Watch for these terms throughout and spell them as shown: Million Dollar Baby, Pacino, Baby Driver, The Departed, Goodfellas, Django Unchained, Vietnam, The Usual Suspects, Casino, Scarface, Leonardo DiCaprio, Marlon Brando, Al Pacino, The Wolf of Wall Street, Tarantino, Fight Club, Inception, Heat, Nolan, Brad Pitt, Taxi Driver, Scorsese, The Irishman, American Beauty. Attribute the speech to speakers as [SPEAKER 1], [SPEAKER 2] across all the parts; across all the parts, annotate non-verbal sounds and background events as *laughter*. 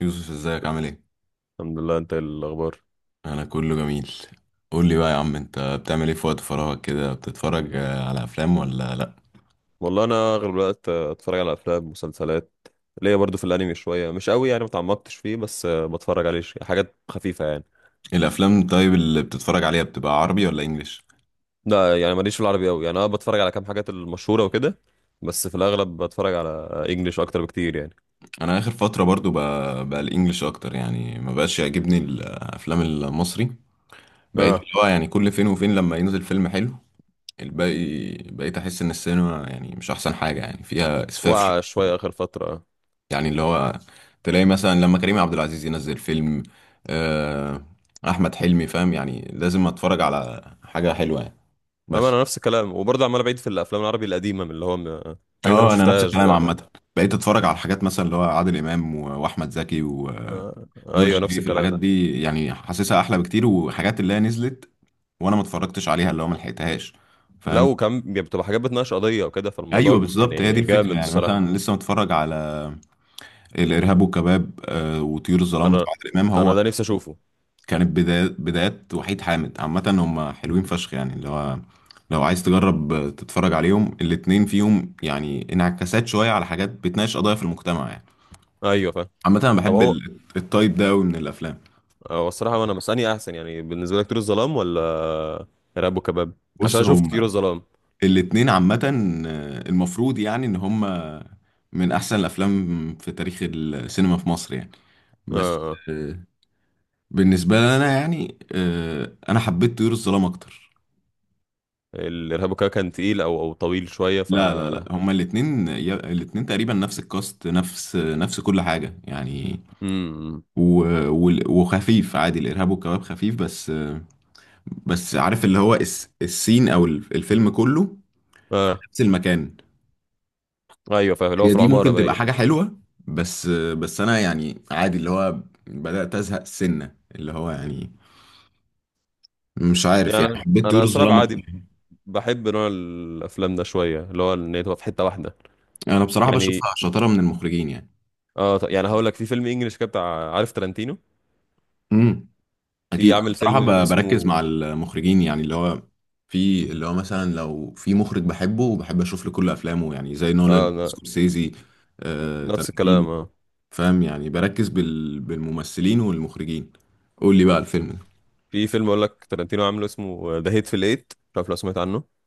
[SPEAKER 1] يوسف، ازيك عامل ايه؟
[SPEAKER 2] الحمد لله. انت ايه الاخبار؟
[SPEAKER 1] انا كله جميل. قول لي بقى يا عم، انت بتعمل ايه في وقت فراغك كده؟ بتتفرج على افلام ولا لا؟
[SPEAKER 2] والله انا اغلب الوقت اتفرج على افلام مسلسلات. ليا برضو في الانمي شويه، مش قوي يعني، ما اتعمقتش فيه، بس بتفرج عليه حاجات خفيفه يعني.
[SPEAKER 1] الافلام طيب اللي بتتفرج عليها بتبقى عربي ولا انجليش؟
[SPEAKER 2] لا يعني ماليش في العربي قوي يعني، انا بتفرج على كام حاجات المشهوره وكده، بس في الاغلب بتفرج على انجليش اكتر بكتير يعني.
[SPEAKER 1] انا اخر فترة برضو بقى الانجليش اكتر، يعني ما بقاش يعجبني الافلام المصري. بقيت
[SPEAKER 2] اه.
[SPEAKER 1] اللي هو يعني كل فين وفين لما ينزل فيلم حلو، الباقي بقيت احس ان السينما يعني مش احسن حاجة، يعني فيها اسفاف.
[SPEAKER 2] وقع شويه اخر فتره اه.
[SPEAKER 1] يعني اللي هو تلاقي مثلا لما كريم عبد العزيز ينزل فيلم، آه، احمد حلمي، فاهم؟ يعني لازم اتفرج على حاجه حلوه يعني،
[SPEAKER 2] اما
[SPEAKER 1] بس.
[SPEAKER 2] انا نفس الكلام، وبرضه عمال بعيد في الافلام العربي القديمه، من اللي هو حاجات انا ما
[SPEAKER 1] اه، انا نفس
[SPEAKER 2] شفتهاش
[SPEAKER 1] الكلام
[SPEAKER 2] بقى.
[SPEAKER 1] عامه. بقيت اتفرج على الحاجات مثلا اللي هو عادل امام واحمد زكي ونور
[SPEAKER 2] آه. ايوه نفس
[SPEAKER 1] الشريف،
[SPEAKER 2] الكلام.
[SPEAKER 1] الحاجات دي يعني حاسسها احلى بكتير. وحاجات اللي هي نزلت وانا ما اتفرجتش عليها، اللي هو ما لحقتهاش،
[SPEAKER 2] لا
[SPEAKER 1] فاهم؟
[SPEAKER 2] وكم بتبقى حاجات بتناقش قضيه وكده، فالموضوع
[SPEAKER 1] ايوه بالظبط، هي دي
[SPEAKER 2] يعني
[SPEAKER 1] الفكره.
[SPEAKER 2] جامد
[SPEAKER 1] يعني
[SPEAKER 2] الصراحه.
[SPEAKER 1] مثلا لسه متفرج على الارهاب والكباب وطيور الظلام
[SPEAKER 2] انا
[SPEAKER 1] بتاع عادل امام.
[SPEAKER 2] انا
[SPEAKER 1] هو
[SPEAKER 2] ده نفسي اشوفه.
[SPEAKER 1] كانت بدايات وحيد حامد، عامة هم حلوين فشخ يعني، اللي هو لو عايز تجرب تتفرج عليهم، الاتنين فيهم يعني انعكاسات شوية على حاجات، بتناقش قضايا في المجتمع يعني.
[SPEAKER 2] ايوه فاهم.
[SPEAKER 1] عامة أنا
[SPEAKER 2] طب
[SPEAKER 1] بحب
[SPEAKER 2] هو
[SPEAKER 1] التايب ده أوي من الأفلام.
[SPEAKER 2] هو الصراحه انا مساني احسن، يعني بالنسبه لك طيور الظلام ولا ارهاب وكباب؟ عشان
[SPEAKER 1] بص،
[SPEAKER 2] انا شفت
[SPEAKER 1] هم
[SPEAKER 2] طيور الظلام.
[SPEAKER 1] الاتنين عامة المفروض يعني إن هم من أحسن الأفلام في تاريخ السينما في مصر يعني،
[SPEAKER 2] اه
[SPEAKER 1] بس
[SPEAKER 2] اه.
[SPEAKER 1] آه، بالنسبة لنا يعني أنا حبيت طيور الظلام أكتر.
[SPEAKER 2] الارهاب وكباب كان تقيل، او طويل شويه ف...
[SPEAKER 1] لا لا لا، هما الاتنين الاتنين تقريبا نفس الكاست، نفس كل حاجة يعني.
[SPEAKER 2] امم.
[SPEAKER 1] و... وخفيف عادي، الإرهاب والكباب خفيف، بس عارف اللي هو السين أو الفيلم كله في
[SPEAKER 2] اه
[SPEAKER 1] نفس المكان.
[SPEAKER 2] ايوه فاهم، اللي هو
[SPEAKER 1] هي
[SPEAKER 2] في
[SPEAKER 1] دي
[SPEAKER 2] العماره
[SPEAKER 1] ممكن تبقى
[SPEAKER 2] باين.
[SPEAKER 1] حاجة حلوة، بس بس أنا يعني عادي، اللي هو بدأت أزهق سنة، اللي هو يعني مش عارف،
[SPEAKER 2] يعني
[SPEAKER 1] يعني
[SPEAKER 2] انا
[SPEAKER 1] حبيت طيور
[SPEAKER 2] أنا صراحه
[SPEAKER 1] الظلام أكتر.
[SPEAKER 2] عادي، بحب نوع الافلام ده شويه، اللي هو ان هي تبقى في حته واحده.
[SPEAKER 1] أنا بصراحة
[SPEAKER 2] يعني
[SPEAKER 1] بشوفها شطارة من المخرجين يعني.
[SPEAKER 2] اه يعني هقول لك في فيلم انجليش كده بتاع، عارف تارانتينو؟
[SPEAKER 1] امم،
[SPEAKER 2] في
[SPEAKER 1] اكيد. انا
[SPEAKER 2] عامل
[SPEAKER 1] بصراحه
[SPEAKER 2] فيلم
[SPEAKER 1] بركز مع
[SPEAKER 2] اسمه،
[SPEAKER 1] المخرجين يعني، اللي هو في اللي هو مثلا لو في مخرج بحبه وبحب اشوف له كل افلامه، يعني زي
[SPEAKER 2] اه
[SPEAKER 1] نولان، سكورسيزي،
[SPEAKER 2] نفس
[SPEAKER 1] تارانتينو.
[SPEAKER 2] الكلام اه.
[SPEAKER 1] فاهم يعني؟ بركز بالممثلين والمخرجين. قول لي بقى الفيلم ده.
[SPEAKER 2] في فيلم اقول لك تارانتينو عامله، اسمه ذا هيت في الايت، مش عارف لو سمعت عنه.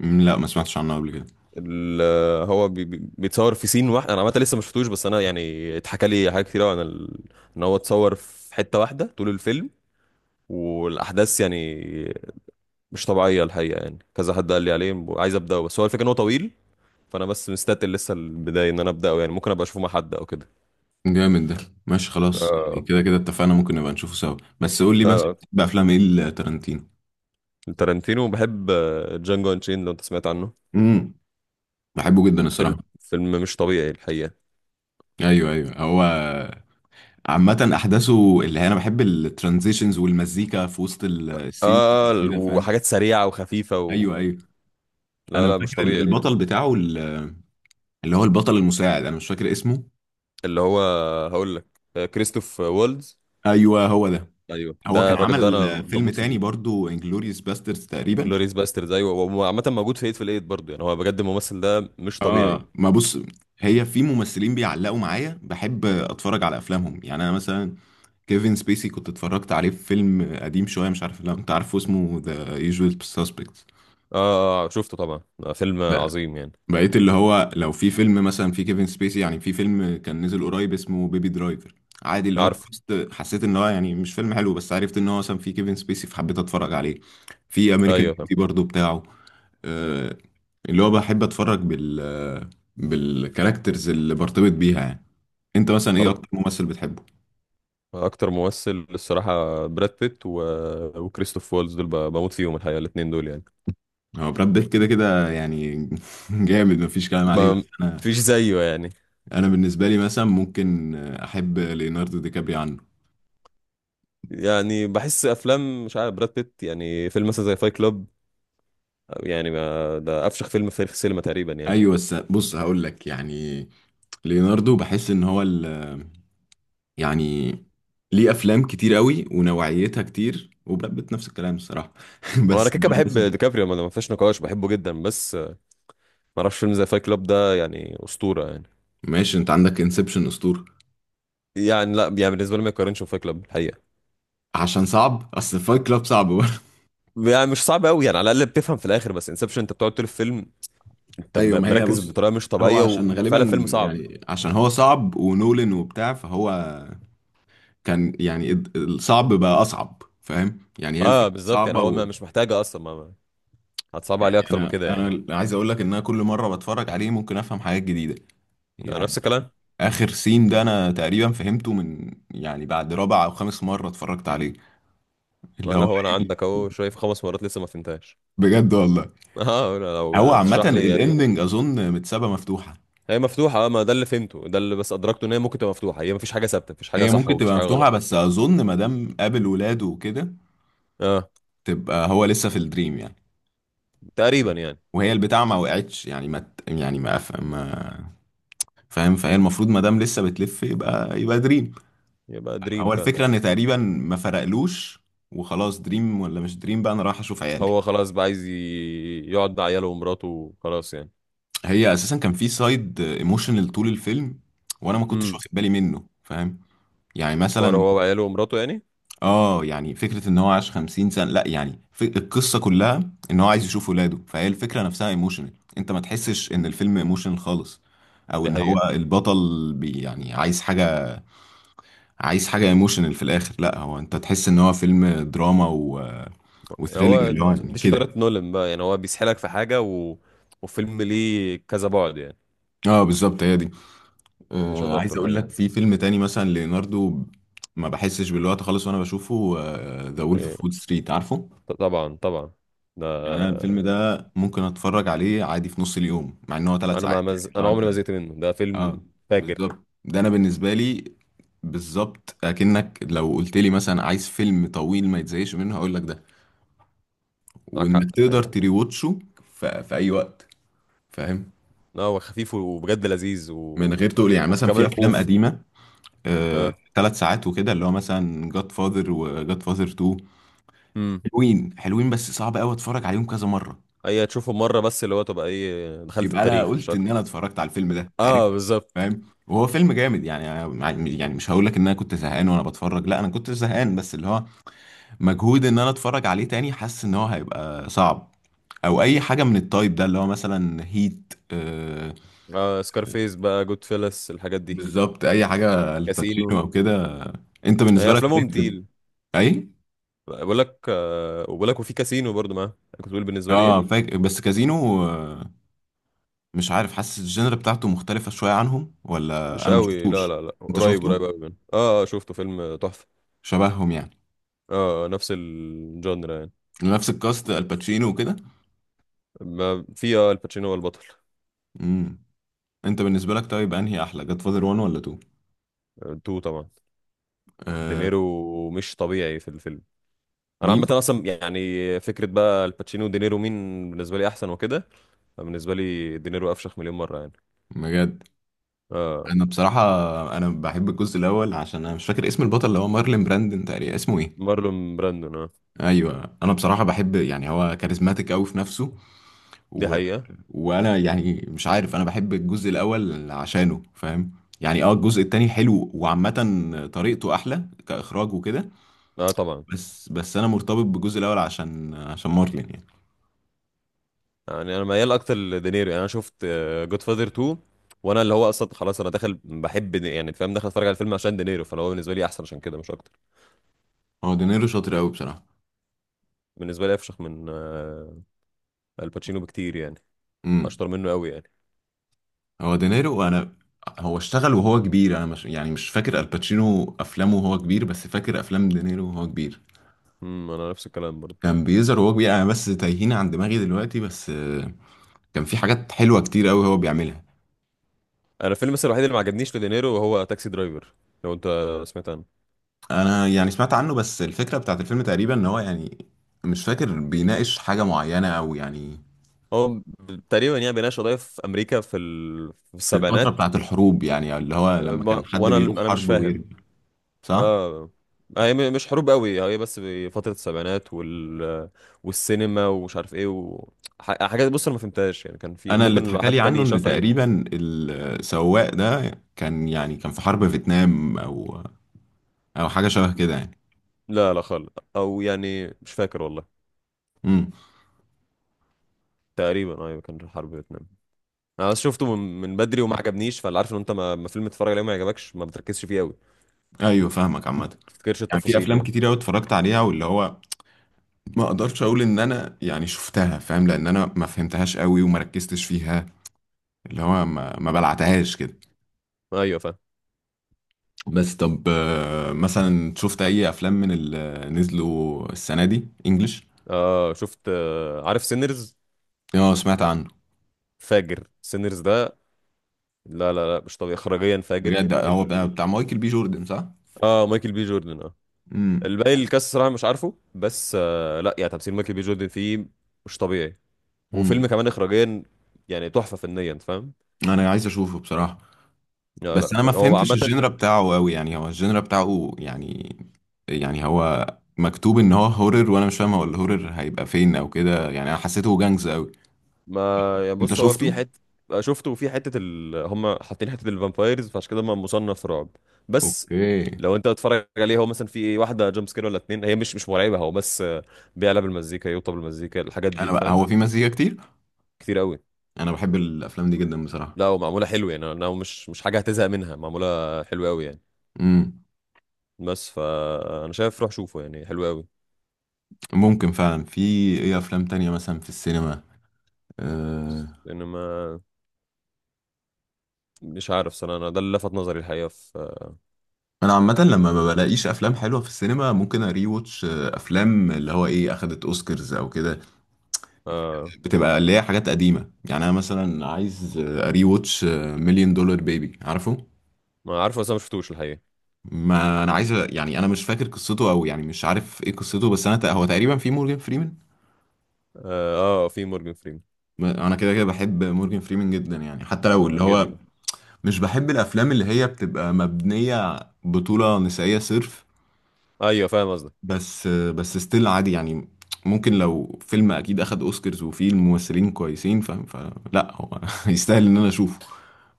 [SPEAKER 1] لا، ما سمعتش عنه قبل كده.
[SPEAKER 2] ال- هو بيتصور في سين واحد. انا عامه لسه ما شفتوش، بس انا يعني اتحكى لي حاجات كتير قوي عن ان هو اتصور في حته واحده طول الفيلم، والاحداث يعني مش طبيعيه الحقيقه، يعني كذا حد قال لي عليه، عايز ابداه، بس هو الفكره ان هو طويل، فانا بس مستتقل لسه البدايه ان انا ابداه، يعني ممكن ابقى اشوفه مع حد او كده.
[SPEAKER 1] جامد ده، ماشي خلاص. يعني
[SPEAKER 2] آه،
[SPEAKER 1] كده كده اتفقنا، ممكن نبقى نشوفه سوا، بس قول لي مثلا
[SPEAKER 2] لا
[SPEAKER 1] بتحب افلام ايه لتارانتينو؟
[SPEAKER 2] لا تارانتينو بحب. جانجو انشين، لو انت سمعت عنه؟
[SPEAKER 1] امم، بحبه جدا
[SPEAKER 2] فيلم
[SPEAKER 1] الصراحه.
[SPEAKER 2] مش طبيعي الحقيقه.
[SPEAKER 1] ايوه ايوه، هو عامة أحداثه اللي هي، أنا بحب الترانزيشنز والمزيكا في وسط السين
[SPEAKER 2] اه
[SPEAKER 1] كده، فاهم؟
[SPEAKER 2] وحاجات سريعة وخفيفة
[SPEAKER 1] أيوه أيوه.
[SPEAKER 2] لا
[SPEAKER 1] أنا
[SPEAKER 2] لا مش
[SPEAKER 1] فاكر
[SPEAKER 2] طبيعي.
[SPEAKER 1] البطل بتاعه اللي هو البطل المساعد، أنا مش فاكر اسمه.
[SPEAKER 2] اللي هو هقول لك، كريستوف وولدز.
[SPEAKER 1] أيوه هو ده.
[SPEAKER 2] ايوه
[SPEAKER 1] هو
[SPEAKER 2] ده
[SPEAKER 1] كان
[SPEAKER 2] الراجل ده انا
[SPEAKER 1] عمل فيلم
[SPEAKER 2] بموت
[SPEAKER 1] تاني
[SPEAKER 2] فيه.
[SPEAKER 1] برضو انجلوريوس باسترز تقريبا.
[SPEAKER 2] انجلوريس باسترد ايوه، هو عامة موجود في ايت في الايت برضه، يعني هو بجد الممثل ده مش طبيعي اه.
[SPEAKER 1] ما بص، هي في ممثلين بيعلقوا معايا، بحب أتفرج على أفلامهم. يعني أنا مثلا كيفن سبيسي كنت اتفرجت عليه في فيلم قديم شوية، مش عارف لو أنت عارفه، اسمه ذا يوجوال سسبكتس.
[SPEAKER 2] شفته طبعا. فيلم عظيم يعني.
[SPEAKER 1] بقيت اللي هو لو في فيلم مثلا في كيفن سبيسي، يعني في فيلم كان نزل قريب اسمه بيبي درايفر، عادي اللي هو
[SPEAKER 2] عارفه.
[SPEAKER 1] الكاست، حسيت ان هو يعني مش فيلم حلو، بس عرفت ان هو مثلا في كيفن سبيسي فحبيت اتفرج عليه. في امريكان
[SPEAKER 2] ايوه فاهم.
[SPEAKER 1] بيوتي برضو بتاعه. آه، اللي هو بحب اتفرج بال، بالكاركترز اللي برتبط بيها يعني. انت مثلا ايه
[SPEAKER 2] هو
[SPEAKER 1] اكتر ممثل بتحبه؟
[SPEAKER 2] اكتر ممثل الصراحة براد بيت وكريستوف وولدز، دول بموت فيهم الحقيقة، الاتنين دول يعني
[SPEAKER 1] هو براد بيت كده كده يعني. *laughs* جامد، مفيش كلام عليه.
[SPEAKER 2] ما
[SPEAKER 1] بس انا
[SPEAKER 2] فيش زيه يعني.
[SPEAKER 1] انا بالنسبه لي مثلا ممكن احب ليوناردو دي كابري عنه.
[SPEAKER 2] يعني بحس افلام مش عارف، براد بيت يعني فيلم مثلا زي فايت كلوب، يعني ما ده افشخ فيلم في تاريخ السينما تقريبا يعني.
[SPEAKER 1] ايوه، بس بص هقول لك يعني ليوناردو بحس ان هو يعني ليه افلام كتير قوي، ونوعيتها كتير، وبراد بيت نفس الكلام الصراحه. *laughs*
[SPEAKER 2] وانا
[SPEAKER 1] بس
[SPEAKER 2] كده
[SPEAKER 1] إن
[SPEAKER 2] كده
[SPEAKER 1] هو
[SPEAKER 2] بحب
[SPEAKER 1] مثلا.
[SPEAKER 2] ديكابريو، ما ما فيش نقاش، بحبه جدا، بس ما اعرفش فيلم زي فايت كلاب ده يعني، اسطوره يعني.
[SPEAKER 1] ماشي، انت عندك انسبشن اسطوره،
[SPEAKER 2] يعني لا يعني بالنسبه لي ما يقارنش بفايت كلاب الحقيقه.
[SPEAKER 1] عشان صعب. اصل فايت كلاب صعب برضه.
[SPEAKER 2] يعني مش صعب قوي يعني، على الاقل بتفهم في الاخر، بس انسبشن انت بتقعد طول الفيلم
[SPEAKER 1] *laughs*
[SPEAKER 2] انت
[SPEAKER 1] ايوه، ما هي
[SPEAKER 2] مركز
[SPEAKER 1] بص،
[SPEAKER 2] بطريقه مش
[SPEAKER 1] هو
[SPEAKER 2] طبيعيه،
[SPEAKER 1] عشان غالبا
[SPEAKER 2] وفعلا فيلم صعب.
[SPEAKER 1] يعني عشان هو صعب ونولن وبتاع، فهو كان يعني الصعب بقى اصعب، فاهم يعني؟ هي
[SPEAKER 2] اه
[SPEAKER 1] الفكره
[SPEAKER 2] بالظبط، يعني
[SPEAKER 1] صعبه
[SPEAKER 2] هو ما
[SPEAKER 1] ويعني
[SPEAKER 2] مش محتاجه اصلا، هتصعب عليه اكتر من
[SPEAKER 1] انا
[SPEAKER 2] كده يعني.
[SPEAKER 1] انا عايز اقول لك ان انا كل مره بتفرج عليه ممكن افهم حاجات جديده
[SPEAKER 2] أنا
[SPEAKER 1] يعني.
[SPEAKER 2] نفس الكلام.
[SPEAKER 1] اخر سين ده انا تقريبا فهمته من، يعني بعد رابع او خامس مره اتفرجت عليه. اللي
[SPEAKER 2] ما لا
[SPEAKER 1] هو
[SPEAKER 2] هو انا
[SPEAKER 1] إيه؟
[SPEAKER 2] عندك
[SPEAKER 1] اللي-
[SPEAKER 2] اهو شايف خمس مرات لسه ما فهمتهاش.
[SPEAKER 1] بجد والله.
[SPEAKER 2] *laughs* اه
[SPEAKER 1] هو
[SPEAKER 2] لو
[SPEAKER 1] عامه
[SPEAKER 2] تشرح لي يا ريت.
[SPEAKER 1] الاندنج اظن متسابه مفتوحه.
[SPEAKER 2] هي مفتوحة اه، ما ده اللي فهمته، ده اللي بس أدركته، إن هي ممكن تبقى مفتوحة، هي مفيش حاجة ثابتة، مفيش حاجة
[SPEAKER 1] هي
[SPEAKER 2] صح
[SPEAKER 1] ممكن
[SPEAKER 2] ومفيش
[SPEAKER 1] تبقى
[SPEAKER 2] حاجة
[SPEAKER 1] مفتوحه،
[SPEAKER 2] غلط.
[SPEAKER 1] بس اظن ما دام قابل ولاده وكده
[SPEAKER 2] اه
[SPEAKER 1] تبقى هو لسه في الدريم يعني.
[SPEAKER 2] تقريبا يعني.
[SPEAKER 1] وهي البتاع ما وقعتش، يعني ما ت- يعني فاهم؟ فهي المفروض ما دام لسه بتلف، يبقى دريم.
[SPEAKER 2] يبقى دريم
[SPEAKER 1] هو
[SPEAKER 2] فعلا.
[SPEAKER 1] الفكره ان تقريبا ما فرقلوش، وخلاص دريم ولا مش دريم بقى، انا رايح اشوف عيالي.
[SPEAKER 2] هو خلاص بقى عايز يقعد مع عياله ومراته وخلاص يعني.
[SPEAKER 1] هي اساسا كان في سايد ايموشنال طول الفيلم، وانا ما كنتش
[SPEAKER 2] امم.
[SPEAKER 1] واخد بالي منه، فاهم؟ يعني
[SPEAKER 2] حوار
[SPEAKER 1] مثلا،
[SPEAKER 2] هو وعياله ومراته يعني.
[SPEAKER 1] اه يعني فكره ان هو عاش 50 سنه، لا يعني في القصه كلها ان هو عايز يشوف ولاده، فهي الفكره نفسها ايموشنال. انت ما تحسش ان الفيلم ايموشنال خالص، او
[SPEAKER 2] دي
[SPEAKER 1] ان هو
[SPEAKER 2] حقيقة.
[SPEAKER 1] البطل بي يعني عايز حاجه، عايز حاجه ايموشنال في الاخر. لا، هو انت تحس ان هو فيلم دراما وثريلينج
[SPEAKER 2] هو
[SPEAKER 1] اللي هو يعني
[SPEAKER 2] دي
[SPEAKER 1] كده.
[SPEAKER 2] شطارة نولان بقى، يعني هو بيسحلك في حاجة وفيلم ليه كذا بعد يعني.
[SPEAKER 1] اه بالظبط، هي دي.
[SPEAKER 2] دي شطارته
[SPEAKER 1] عايز اقول
[SPEAKER 2] الحقيقة.
[SPEAKER 1] لك في فيلم تاني مثلا ليوناردو، ما بحسش بالوقت خالص وانا بشوفه. ذا وولف
[SPEAKER 2] إيه.
[SPEAKER 1] اوف وول ستريت، عارفه؟
[SPEAKER 2] طبعا طبعا ده.
[SPEAKER 1] يعني انا الفيلم ده ممكن اتفرج عليه عادي في نص اليوم، مع ان هو ثلاث
[SPEAKER 2] أنا ما
[SPEAKER 1] ساعات.
[SPEAKER 2] مز...
[SPEAKER 1] يعني لو
[SPEAKER 2] أنا
[SPEAKER 1] انت،
[SPEAKER 2] عمري ما زهقت منه، ده فيلم
[SPEAKER 1] اه
[SPEAKER 2] فاجر.
[SPEAKER 1] بالظبط، ده انا بالنسبه لي بالظبط. اكنك لو قلت لي مثلا عايز فيلم طويل ما يتزهقش منه، هقول لك ده،
[SPEAKER 2] معاك
[SPEAKER 1] وانك
[SPEAKER 2] حق
[SPEAKER 1] تقدر
[SPEAKER 2] الحقيقة.
[SPEAKER 1] تريوتشه في اي وقت، فاهم؟
[SPEAKER 2] اه هو خفيف وبجد لذيذ
[SPEAKER 1] من غير تقول يعني مثلا في
[SPEAKER 2] وكمان
[SPEAKER 1] افلام
[SPEAKER 2] اوف.
[SPEAKER 1] قديمه ثلاث
[SPEAKER 2] اه.
[SPEAKER 1] تلات ساعات وكده، اللي هو مثلا جاد فاذر وجاد فاذر 2،
[SPEAKER 2] امم.
[SPEAKER 1] حلوين حلوين بس صعب قوي اتفرج عليهم كذا مره.
[SPEAKER 2] اي تشوفه مره بس، اللي هو تبقى ايه دخلت
[SPEAKER 1] يبقى انا
[SPEAKER 2] التاريخ مش
[SPEAKER 1] قلت ان
[SPEAKER 2] اكتر.
[SPEAKER 1] انا اتفرجت على الفيلم ده، عارف؟
[SPEAKER 2] اه بالظبط.
[SPEAKER 1] فاهم. وهو فيلم جامد، يعني أنا. يعني مش هقول لك ان انا كنت زهقان وانا بتفرج، لا انا كنت زهقان، بس اللي هو مجهود ان انا اتفرج عليه تاني، حاسس ان هو هيبقى صعب او اي حاجه من التايب ده، اللي هو مثلا هيت. آه
[SPEAKER 2] آه سكارفيس بقى، جود فيلس، الحاجات دي.
[SPEAKER 1] بالظبط، اي حاجه
[SPEAKER 2] كاسينو.
[SPEAKER 1] الباتشينو او كده. انت
[SPEAKER 2] هي
[SPEAKER 1] بالنسبه لك
[SPEAKER 2] افلامهم
[SPEAKER 1] طيب
[SPEAKER 2] تقيل.
[SPEAKER 1] اي
[SPEAKER 2] بقول لك آه، وبقول لك وفي كاسينو برضو معاه كنت بقول، بالنسبه لي
[SPEAKER 1] اه،
[SPEAKER 2] ايه
[SPEAKER 1] فاكر. بس كازينو مش عارف، حاسس الجنر بتاعته مختلفه شويه عنهم، ولا
[SPEAKER 2] مش
[SPEAKER 1] انا ما
[SPEAKER 2] قوي، لا
[SPEAKER 1] شفتوش؟
[SPEAKER 2] لا لا
[SPEAKER 1] انت
[SPEAKER 2] قريب
[SPEAKER 1] شفته؟
[SPEAKER 2] قريب قوي منه اه. شفته فيلم تحفه.
[SPEAKER 1] شبههم يعني؟
[SPEAKER 2] اه نفس الجانر يعني.
[SPEAKER 1] نفس الكاست، الباتشينو وكده.
[SPEAKER 2] ما في اه الباتشينو هو البطل.
[SPEAKER 1] امم، انت بالنسبه لك طيب، انهي احلى، جاد فاذر 1 ولا 2؟
[SPEAKER 2] تو طبعا.
[SPEAKER 1] آه.
[SPEAKER 2] دينيرو مش طبيعي في الفيلم. انا عامه
[SPEAKER 1] مين؟
[SPEAKER 2] اصلا يعني فكره بقى الباتشينو ودينيرو، مين بالنسبه لي احسن وكده. بالنسبه لي دينيرو افشخ مليون مره يعني.
[SPEAKER 1] بجد.
[SPEAKER 2] اه
[SPEAKER 1] انا بصراحه، انا بحب الجزء الاول، عشان انا مش فاكر اسم البطل اللي هو مارلين براندن تقريبا، اسمه ايه؟
[SPEAKER 2] مارلون براندون اه.
[SPEAKER 1] ايوه، انا بصراحه بحب يعني هو كاريزماتيك قوي في نفسه
[SPEAKER 2] دي
[SPEAKER 1] و...
[SPEAKER 2] حقيقه.
[SPEAKER 1] وانا يعني مش عارف، انا بحب الجزء الاول عشانه، فاهم يعني؟ اه الجزء التاني حلو، وعامه طريقته احلى كاخراج وكده،
[SPEAKER 2] اه طبعا.
[SPEAKER 1] بس انا مرتبط بالجزء الاول عشان مارلين يعني.
[SPEAKER 2] يعني انا ميال اكتر لدينيرو، يعني انا شفت جود فاذر 2، وانا اللي هو اصلا خلاص، انا داخل بحب يعني فاهم، داخل اتفرج على الفيلم عشان دينيرو، فهو بالنسبه لي احسن عشان كده مش اكتر.
[SPEAKER 1] هو دينيرو شاطر قوي بصراحه.
[SPEAKER 2] بالنسبه لي افشخ من آه الباتشينو بكتير يعني،
[SPEAKER 1] امم.
[SPEAKER 2] اشطر منه قوي يعني.
[SPEAKER 1] هو دينيرو انا، هو اشتغل وهو كبير. انا مش يعني مش فاكر الباتشينو افلامه وهو كبير، بس فاكر افلام دينيرو وهو كبير.
[SPEAKER 2] انا نفس الكلام برضه.
[SPEAKER 1] كان بيظهر وهو كبير، انا بس تايهين عن دماغي دلوقتي، بس كان في حاجات حلوه كتير قوي هو بيعملها.
[SPEAKER 2] انا الفيلم بس الوحيد اللي ما عجبنيش لدينيرو هو تاكسي درايفر، لو انت سمعت عنه.
[SPEAKER 1] انا يعني سمعت عنه، بس الفكره بتاعت الفيلم تقريبا ان هو يعني مش فاكر بيناقش حاجه معينه، او يعني
[SPEAKER 2] هو تقريبا يعني بيناقش قضايا في امريكا في، في
[SPEAKER 1] في الفتره
[SPEAKER 2] السبعينات.
[SPEAKER 1] بتاعت الحروب، يعني اللي هو
[SPEAKER 2] أه،
[SPEAKER 1] لما
[SPEAKER 2] ما-
[SPEAKER 1] كان حد
[SPEAKER 2] وانا
[SPEAKER 1] بيروح
[SPEAKER 2] مش
[SPEAKER 1] حرب
[SPEAKER 2] فاهم.
[SPEAKER 1] ويرجع. صح.
[SPEAKER 2] اه. هي مش حروب قوي، هي بس فترة السبعينات والسينما ومش عارف ايه حاجات بص انا ما فهمتهاش يعني، كان في
[SPEAKER 1] انا اللي
[SPEAKER 2] ممكن لو
[SPEAKER 1] اتحكى
[SPEAKER 2] حد
[SPEAKER 1] لي عنه
[SPEAKER 2] تاني
[SPEAKER 1] ان
[SPEAKER 2] شافها ي...
[SPEAKER 1] تقريبا السواق ده كان يعني، كان في حرب فيتنام او او حاجه شبه كده يعني.
[SPEAKER 2] لا لا خالص. او يعني مش فاكر والله.
[SPEAKER 1] امم.
[SPEAKER 2] تقريبا ايوه كان حرب فيتنام. انا بس شفته من، من بدري وما عجبنيش، فاللي عارف ان انت ما ما فيلم تتفرج عليه ما يعجبكش ما بتركزش فيه قوي، ما
[SPEAKER 1] ايوه فاهمك عامه.
[SPEAKER 2] تفتكرش
[SPEAKER 1] يعني في
[SPEAKER 2] التفاصيل
[SPEAKER 1] افلام
[SPEAKER 2] يعني.
[SPEAKER 1] كتير قوي اتفرجت عليها، واللي هو ما اقدرش اقول ان انا يعني شفتها، فاهم؟ لان انا ما فهمتهاش قوي، وما ركزتش فيها، اللي هو ما بلعتهاش كده.
[SPEAKER 2] ايوه فاهم.
[SPEAKER 1] بس طب مثلا شفت اي افلام من اللي نزلوا السنه دي انجلش؟
[SPEAKER 2] آه شفت آه، عارف سينرز؟
[SPEAKER 1] اه، سمعت عنه.
[SPEAKER 2] فاجر سينرز ده. لا لا لا مش طبيعي اخراجيا، فاجر
[SPEAKER 1] بجد؟ هو بتاع بتاع مايكل بي جوردن، صح؟
[SPEAKER 2] اه مايكل بي جوردن اه. الباقي الكاس صراحه مش عارفه، بس آه لا يعني تمثيل مايكل بي جوردن فيه مش طبيعي، وفيلم
[SPEAKER 1] امم.
[SPEAKER 2] كمان اخراجيا يعني تحفه فنيا فاهم.
[SPEAKER 1] انا عايز اشوفه بصراحة،
[SPEAKER 2] لا
[SPEAKER 1] بس
[SPEAKER 2] لا
[SPEAKER 1] انا ما
[SPEAKER 2] فاجر. هو
[SPEAKER 1] فهمتش
[SPEAKER 2] عامه.
[SPEAKER 1] الجينرا بتاعه قوي. يعني هو الجينرا بتاعه يعني، يعني هو مكتوب ان هو هورر، وانا مش فاهم هو الهورر هيبقى فين او كده، يعني انا حسيته جانجز قوي.
[SPEAKER 2] ما يعني
[SPEAKER 1] انت
[SPEAKER 2] بص هو
[SPEAKER 1] شفته؟
[SPEAKER 2] في حته، شفته في حته هم حاطين حته الفامبايرز، فعشان كده ما مصنف رعب. بس
[SPEAKER 1] اوكي.
[SPEAKER 2] لو انت بتتفرج عليه هو مثلا في واحده جامب سكير ولا اتنين، هي مش مش مرعبه، هو بس بيعلى بالمزيكا، يوطى بالمزيكا، الحاجات دي
[SPEAKER 1] انا
[SPEAKER 2] انت
[SPEAKER 1] بقى
[SPEAKER 2] فاهم.
[SPEAKER 1] هو في مزيكا كتير.
[SPEAKER 2] كتير قوي.
[SPEAKER 1] انا بحب الافلام دي جدا بصراحة.
[SPEAKER 2] لا ومعموله حلو يعني، انا مش مش حاجه هتزهق منها، معموله حلوه قوي يعني.
[SPEAKER 1] امم،
[SPEAKER 2] بس فانا شايف روح شوفه يعني، حلو قوي.
[SPEAKER 1] ممكن فعلا. في ايه افلام تانية مثلا في السينما؟ أه...
[SPEAKER 2] لان ما مش عارف صراحه، انا ده اللي لفت نظري الحقيقه في
[SPEAKER 1] انا عامة لما ما
[SPEAKER 2] الفيلم يعني.
[SPEAKER 1] بلاقيش افلام حلوة في السينما، ممكن اري واتش افلام اللي هو ايه، اخدت اوسكارز او كده،
[SPEAKER 2] اه
[SPEAKER 1] بتبقى اللي هي حاجات قديمة. يعني أنا مثلا عايز أري واتش مليون دولار بيبي، عارفه؟
[SPEAKER 2] ما عارفه، بس انا ما شفتوش الحقيقه.
[SPEAKER 1] ما أنا عايز يعني، أنا مش فاكر قصته، أو يعني مش عارف إيه قصته، بس أنا تق، هو تقريبا في مورجان فريمان.
[SPEAKER 2] اه، في مورجان فريمان.
[SPEAKER 1] ما أنا كده كده بحب مورجان فريمان جدا يعني، حتى لو
[SPEAKER 2] آه
[SPEAKER 1] اللي هو
[SPEAKER 2] جدا.
[SPEAKER 1] مش بحب الأفلام اللي هي بتبقى مبنية بطولة نسائية صرف،
[SPEAKER 2] ايوه فاهم قصدك.
[SPEAKER 1] بس ستيل عادي يعني. ممكن لو فيلم أكيد أخد أوسكارز وفيه الممثلين كويسين، فاهم؟ فلا، هو *laughs* يستاهل إن أنا أشوفه،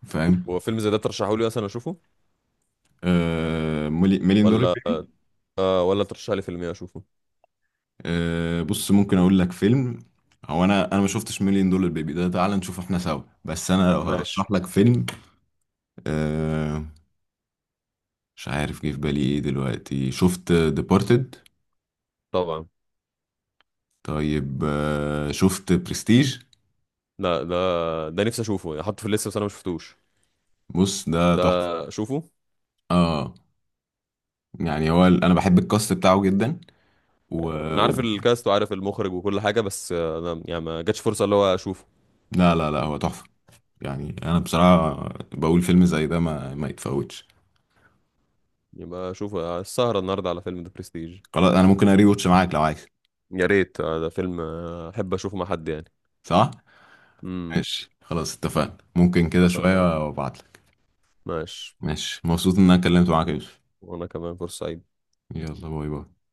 [SPEAKER 1] فاهم؟
[SPEAKER 2] هو فيلم زي ده ترشحه لي اصلا اشوفه
[SPEAKER 1] آه، مليون دولار
[SPEAKER 2] ولا؟
[SPEAKER 1] بيبي.
[SPEAKER 2] آه ولا ترشح لي فيلم إيه اشوفه.
[SPEAKER 1] آه بص، ممكن اقول لك فيلم، هو انا ما شفتش مليون دولار بيبي ده، تعال نشوفه احنا سوا، بس انا لو
[SPEAKER 2] ماشي.
[SPEAKER 1] هرشح لك فيلم، آه مش عارف جه في بالي ايه دلوقتي، شفت ديبارتد؟
[SPEAKER 2] طبعا.
[SPEAKER 1] طيب آه، شفت برستيج؟
[SPEAKER 2] لا ده ده نفسي اشوفه يعني، حاطه في الليسته بس انا ما شفتوش.
[SPEAKER 1] بص ده
[SPEAKER 2] ده
[SPEAKER 1] تحفة.
[SPEAKER 2] اشوفه.
[SPEAKER 1] اه يعني هو انا بحب الكاست بتاعه جدا و...
[SPEAKER 2] انا
[SPEAKER 1] و...
[SPEAKER 2] عارف الكاست وعارف المخرج وكل حاجه، بس انا يعني ما جاتش فرصه اللي هو اشوفه.
[SPEAKER 1] لا لا لا، هو تحفة يعني. انا بصراحة بقول فيلم زي ده ما يتفوتش.
[SPEAKER 2] يبقى اشوفه السهره النهارده على فيلم ذا برستيج.
[SPEAKER 1] خلاص انا ممكن اري واتش معاك لو عايز.
[SPEAKER 2] يا ريت ده فيلم احب اشوفه مع حد يعني.
[SPEAKER 1] صح.
[SPEAKER 2] امم.
[SPEAKER 1] ماشي خلاص اتفقنا، ممكن كده
[SPEAKER 2] اتفقنا.
[SPEAKER 1] شوية وابعتلك.
[SPEAKER 2] ماشي.
[SPEAKER 1] ماشي. مبسوط ان انا اتكلمت معاك يا يوسف.
[SPEAKER 2] وانا كمان فرصه سعيد.
[SPEAKER 1] يلا، باي باي.